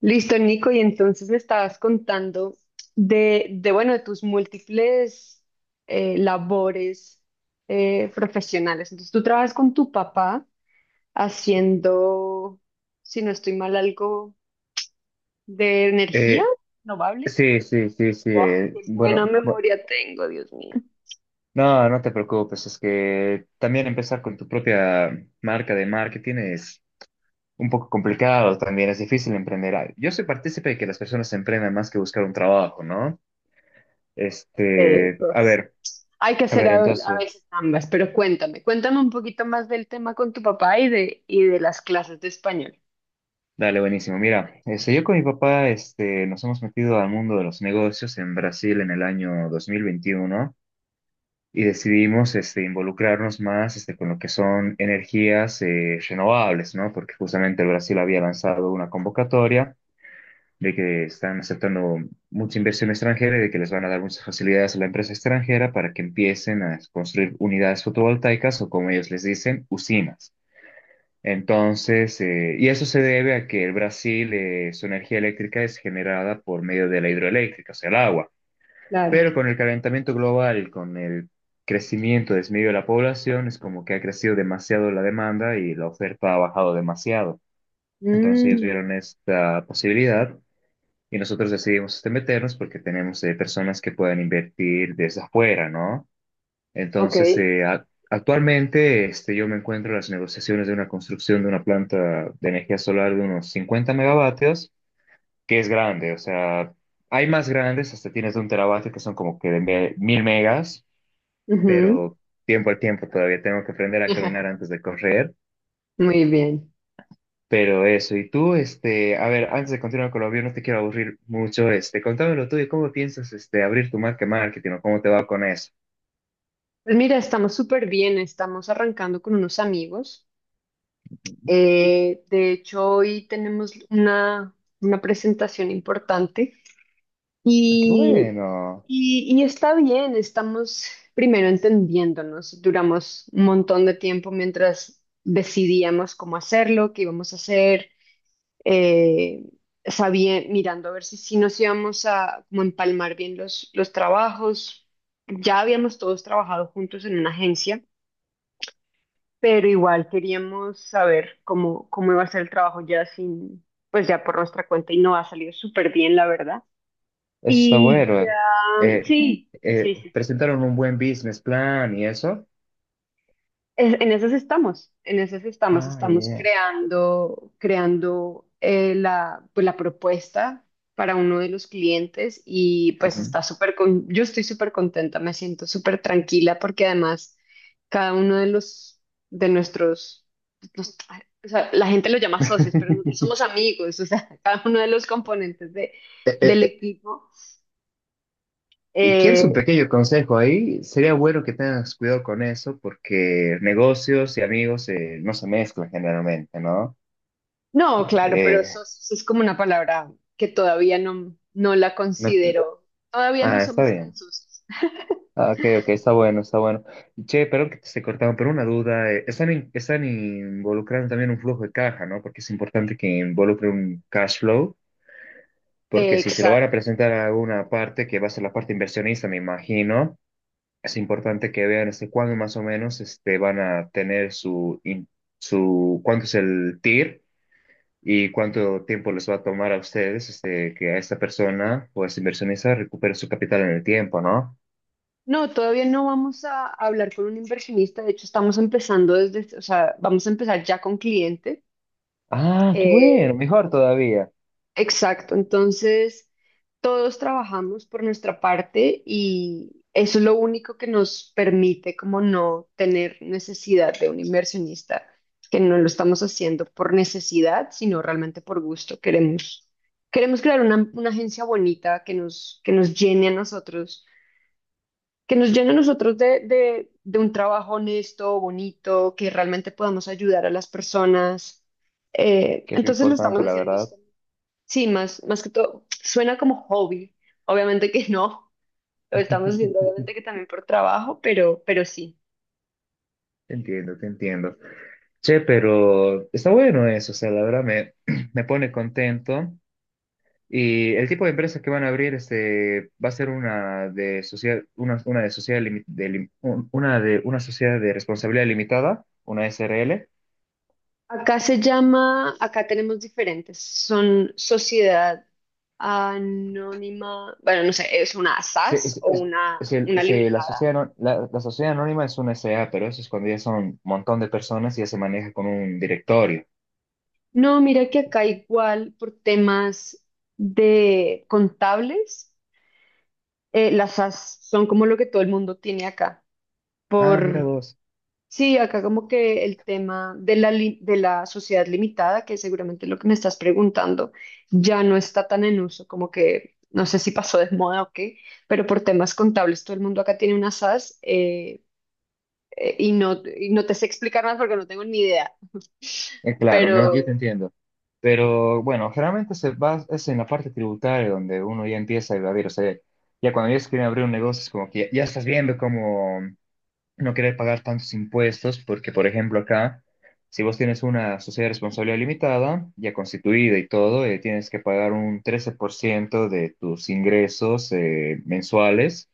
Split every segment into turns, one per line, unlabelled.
Listo, Nico, y entonces me estabas contando de tus múltiples labores profesionales. Entonces, tú trabajas con tu papá haciendo, si no estoy mal, algo de energía
Eh,
renovable.
sí, sí, sí, sí.
Qué buena memoria tengo, Dios mío.
No, no te preocupes, es que también empezar con tu propia marca de marketing es un poco complicado también, es difícil emprender. Yo soy partícipe de que las personas emprendan más que buscar un trabajo, ¿no? Este, a
Pues,
ver,
hay que
a
hacer
ver,
a
entonces,
veces ambas, pero cuéntame, cuéntame un poquito más del tema con tu papá y de las clases de español.
dale, buenísimo. Mira, este, yo con mi papá, este, nos hemos metido al mundo de los negocios en Brasil en el año 2021 y decidimos este, involucrarnos más este, con lo que son energías renovables, ¿no? Porque justamente el Brasil había lanzado una convocatoria de que están aceptando mucha inversión extranjera y de que les van a dar muchas facilidades a la empresa extranjera para que empiecen a construir unidades fotovoltaicas o como ellos les dicen, usinas. Entonces, y eso se debe a que el Brasil, su energía eléctrica es generada por medio de la hidroeléctrica, o sea, el agua.
Claro.
Pero con el calentamiento global y con el crecimiento desmedido de la población, es como que ha crecido demasiado la demanda y la oferta ha bajado demasiado. Entonces ellos
Mm,
vieron esta posibilidad y nosotros decidimos este, meternos porque tenemos personas que puedan invertir desde afuera, ¿no?
ok.
Entonces, actualmente este, yo me encuentro en las negociaciones de una construcción de una planta de energía solar de unos 50 megavatios que es grande, o sea, hay más grandes, hasta tienes de un terabyte que son como que de mil megas,
Ujú.
pero tiempo al tiempo todavía tengo que aprender a caminar antes de correr,
Muy bien.
pero eso, y tú, este, a ver, antes de continuar con lo mío, no te quiero aburrir mucho, este, contame lo tuyo, ¿cómo piensas, este, abrir tu marca de marketing o cómo te va con eso?
Pues mira, estamos súper bien, estamos arrancando con unos amigos. De hecho, hoy tenemos una presentación importante
Ah, qué
y,
bueno,
y está bien, estamos primero entendiéndonos. Duramos un montón de tiempo mientras decidíamos cómo hacerlo, qué íbamos a hacer. eh, Sabía, mirando a ver si nos íbamos a como empalmar bien los trabajos. Ya habíamos todos trabajado juntos en una agencia, pero igual queríamos saber cómo iba a ser el trabajo ya sin, pues ya por nuestra cuenta, y no ha salido súper bien, la verdad.
eso está
Y
bueno.
ya,
Eh,
sí, sí, sí.
Presentaron un buen business plan y eso.
En esas estamos,
Ah,
estamos
yeah.
creando la, pues, la propuesta para uno de los clientes y pues
Ujú.
está súper, con, yo estoy súper contenta, me siento súper tranquila porque además cada uno de los, de nuestros, los- o sea, la gente lo llama socios, pero nosotros somos amigos, o sea, cada uno de los componentes de, del equipo
Y ¿quieres un
eh,
pequeño consejo ahí? Sería bueno que tengas cuidado con eso porque negocios y amigos no se mezclan generalmente, ¿no?
no, claro, pero
Eh,
eso es como una palabra que todavía no la
no-
considero. Todavía no
Ah, está
somos tan
bien.
socios.
Ah, ok, ok, está bueno, está bueno. Che, perdón que te esté cortando, pero una duda. Están involucrando también un flujo de caja, ¿no? Porque es importante que involucre un cash flow, porque si se lo van a
Exacto.
presentar a una parte, que va a ser la parte inversionista, me imagino. Es importante que vean este, cuándo más o menos este, van a tener cuánto es el TIR y cuánto tiempo les va a tomar a ustedes este, que a esta persona o a este inversionista recupere su capital en el tiempo, ¿no?
No, todavía no vamos a hablar con un inversionista. De hecho, estamos empezando desde, o sea, vamos a empezar ya con cliente.
Ah, qué bueno,
Eh,
mejor todavía,
Exacto, entonces todos trabajamos por nuestra parte y eso es lo único que nos permite como no tener necesidad de un inversionista, que no lo estamos haciendo por necesidad, sino realmente por gusto. Queremos crear una agencia bonita que nos llene a nosotros, que nos llene a nosotros de un trabajo honesto, bonito, que realmente podamos ayudar a las personas.
que es lo
Entonces lo
importante,
estamos
la
haciendo.
verdad.
Sí, más, más que todo, suena como hobby. Obviamente que no, lo estamos haciendo obviamente que también por trabajo, pero sí.
Te entiendo, te entiendo. Che, pero está bueno eso, o sea, la verdad me, me pone contento. Y el tipo de empresas que van a abrir este, va a ser una de sociedad limi- de lim- un- una de una sociedad de responsabilidad limitada, una SRL.
Acá se llama, acá tenemos diferentes, son sociedad anónima, bueno, no sé, es una
Se-
SAS o
es- se-
una
se- la sociedad,
limitada.
ano- La sociedad anónima es una SA, pero eso es cuando ya son un montón de personas y ya se maneja con un directorio.
No, mira que acá igual por temas de contables, las SAS son como lo que todo el mundo tiene acá,
Ah, mira
por…
vos.
Sí, acá como que el tema de de la sociedad limitada, que seguramente es lo que me estás preguntando, ya no está tan en uso, como que no sé si pasó de moda o qué, pero por temas contables todo el mundo acá tiene una SAS y no te sé explicar más porque no tengo ni idea.
Claro, no,
Pero
yo te entiendo. Pero bueno, generalmente se va, es en la parte tributaria donde uno ya empieza a evadir. O sea, ya cuando ya se quieren abrir un negocio es como que ya estás viendo cómo no querer pagar tantos impuestos, porque, por ejemplo, acá, si vos tienes una sociedad de responsabilidad limitada, ya constituida y todo, tienes que pagar un 13% de tus ingresos mensuales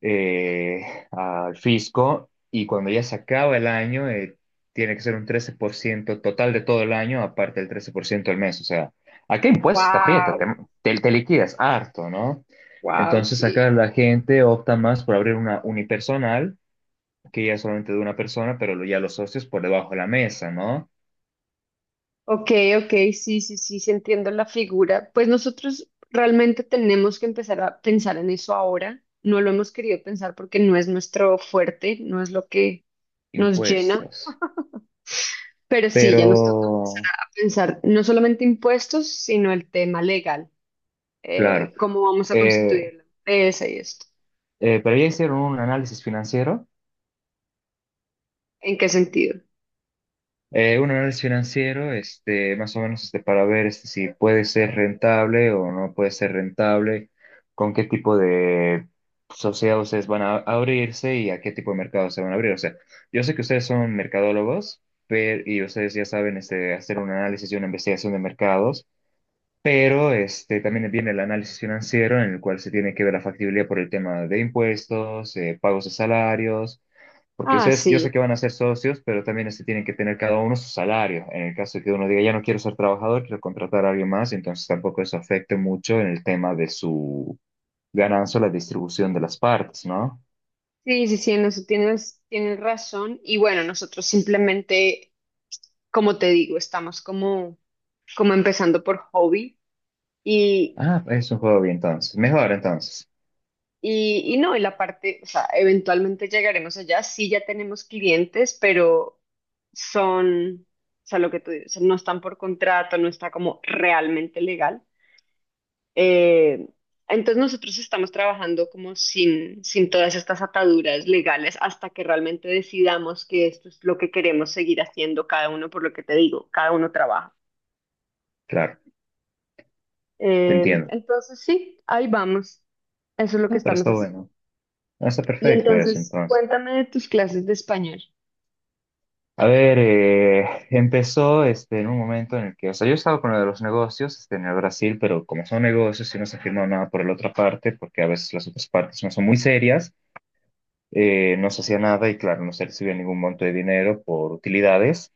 eh, al fisco, y cuando ya se acaba el año, tiene que ser un 13% total de todo el año, aparte del 13% al mes. O sea, ¿a qué impuestos te aprieta?
wow,
Te liquidas harto, ¿no?
wow,
Entonces
sí.
acá la gente opta más por abrir una unipersonal que ya es solamente de una persona, pero ya los socios por debajo de la mesa, ¿no?
Ok, ok, sí, sí, sí, sí, entiendo la figura. Pues nosotros realmente tenemos que empezar a pensar en eso ahora. No lo hemos querido pensar porque no es nuestro fuerte, no es lo que nos llena,
Impuestos.
pero sí,
Pero,
ya nos toca empezar a pensar no solamente impuestos, sino el tema legal.
claro,
¿Cómo vamos a
eh,
constituirlo? Esa y esto.
pero ya hicieron
¿En qué sentido?
un análisis financiero, este, más o menos, este, para ver este, si puede ser rentable o no puede ser rentable, con qué tipo de sociedad ustedes van a abrirse y a qué tipo de mercado se van a abrir. O sea, yo sé que ustedes son mercadólogos, pero, y ustedes ya saben, este, hacer un análisis y una investigación de mercados. Pero este, también viene el análisis financiero en el cual se tiene que ver la factibilidad por el tema de impuestos, pagos de salarios, porque
Ah,
ustedes, yo sé que
sí.
van a ser socios, pero también este, tienen que tener cada uno su salario. En el caso de que uno diga, ya no quiero ser trabajador, quiero contratar a alguien más, entonces tampoco eso afecte mucho en el tema de su ganancia o la distribución de las partes, ¿no?
Sí, sí, sí, en eso tienes, tienes razón. Y bueno, nosotros simplemente, como te digo, estamos como, como empezando por hobby y,
Ah, es un juego bien entonces. Mejor entonces,
y no, y la parte, o sea, eventualmente llegaremos allá, sí ya tenemos clientes, pero son, o sea, lo que tú dices, no están por contrato, no está como realmente legal. Eh, entonces nosotros estamos trabajando como sin, sin todas estas ataduras legales hasta que realmente decidamos que esto es lo que queremos seguir haciendo cada uno, por lo que te digo, cada uno trabaja.
claro, te entiendo.
Entonces, sí, ahí vamos. Eso es lo que
No, pero
estamos
está
haciendo.
bueno. Ah, está
Y
perfecto eso
entonces,
entonces.
cuéntame de tus clases de español.
A ver, empezó este, en un momento en el que, o sea, yo estaba con lo de los negocios este, en el Brasil, pero como son negocios y no se firmó nada por la otra parte, porque a veces las otras partes no son muy serias, no se hacía nada y claro, no se recibía ningún monto de dinero por utilidades.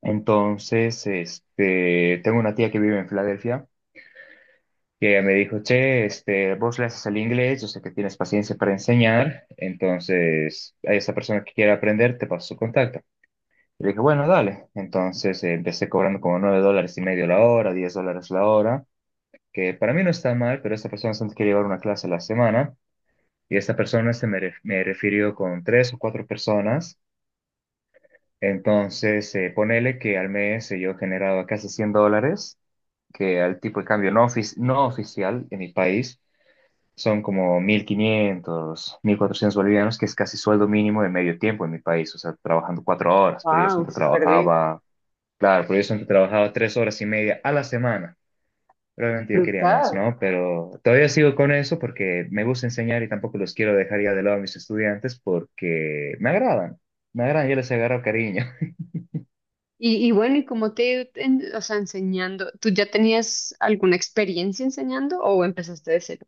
Entonces, este, tengo una tía que vive en Filadelfia que ella me dijo, che, este, vos le haces el inglés, yo sé que tienes paciencia para enseñar, entonces a esa persona que quiera aprender, te paso su contacto. Y le dije, bueno, dale. Entonces empecé cobrando como $9.5 la hora, $10 la hora, que para mí no está mal, pero esta persona solo quería llevar una clase a la semana y esta persona me refirió con 3 o 4 personas. Entonces, ponele que al mes yo generaba casi $100, que al tipo de cambio no oficial en mi país son como 1.500 1.400 bolivianos, que es casi sueldo mínimo de medio tiempo en mi país, o sea, trabajando 4 horas, pero yo
Wow,
siempre
súper bien.
trabajaba. Claro, por eso he trabajado 3 horas y media a la semana. Realmente yo quería más,
Brutal.
¿no? Pero todavía sigo con eso porque me gusta enseñar y tampoco los quiero dejar ya de lado a mis estudiantes porque me agradan, yo les agarro cariño.
Y bueno, ¿y cómo te ha ido en- o sea, enseñando? ¿Tú ya tenías alguna experiencia enseñando o empezaste de cero?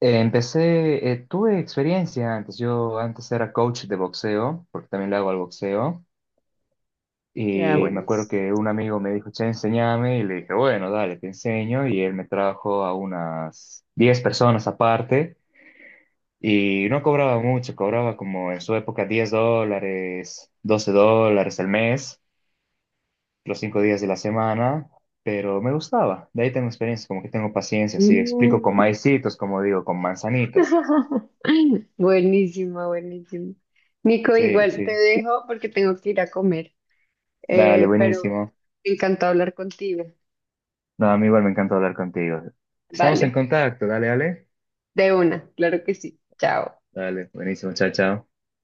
Empecé, tuve experiencia antes, yo antes era coach de boxeo, porque también le hago al boxeo,
Ya,
y me acuerdo
buenísimo.
que un amigo me dijo, che, enséñame, y le dije, bueno, dale, te enseño, y él me trajo a unas 10 personas aparte. Y no cobraba mucho, cobraba como en su época $10, $12 al mes, los 5 días de la semana, pero me gustaba. De ahí tengo experiencia, como que tengo paciencia, sí, explico con
Mm.
maicitos, como digo, con manzanitas.
Buenísimo, buenísimo. Nico,
Sí,
igual te
sí,
dejo porque tengo que ir a comer.
dale,
Pero bueno,
buenísimo.
encantado hablar contigo.
No, a mí igual me encanta hablar contigo. Estamos en
Vale.
contacto, dale, dale.
De una, claro que sí. Chao.
Dale, buenísimo, chao, chao.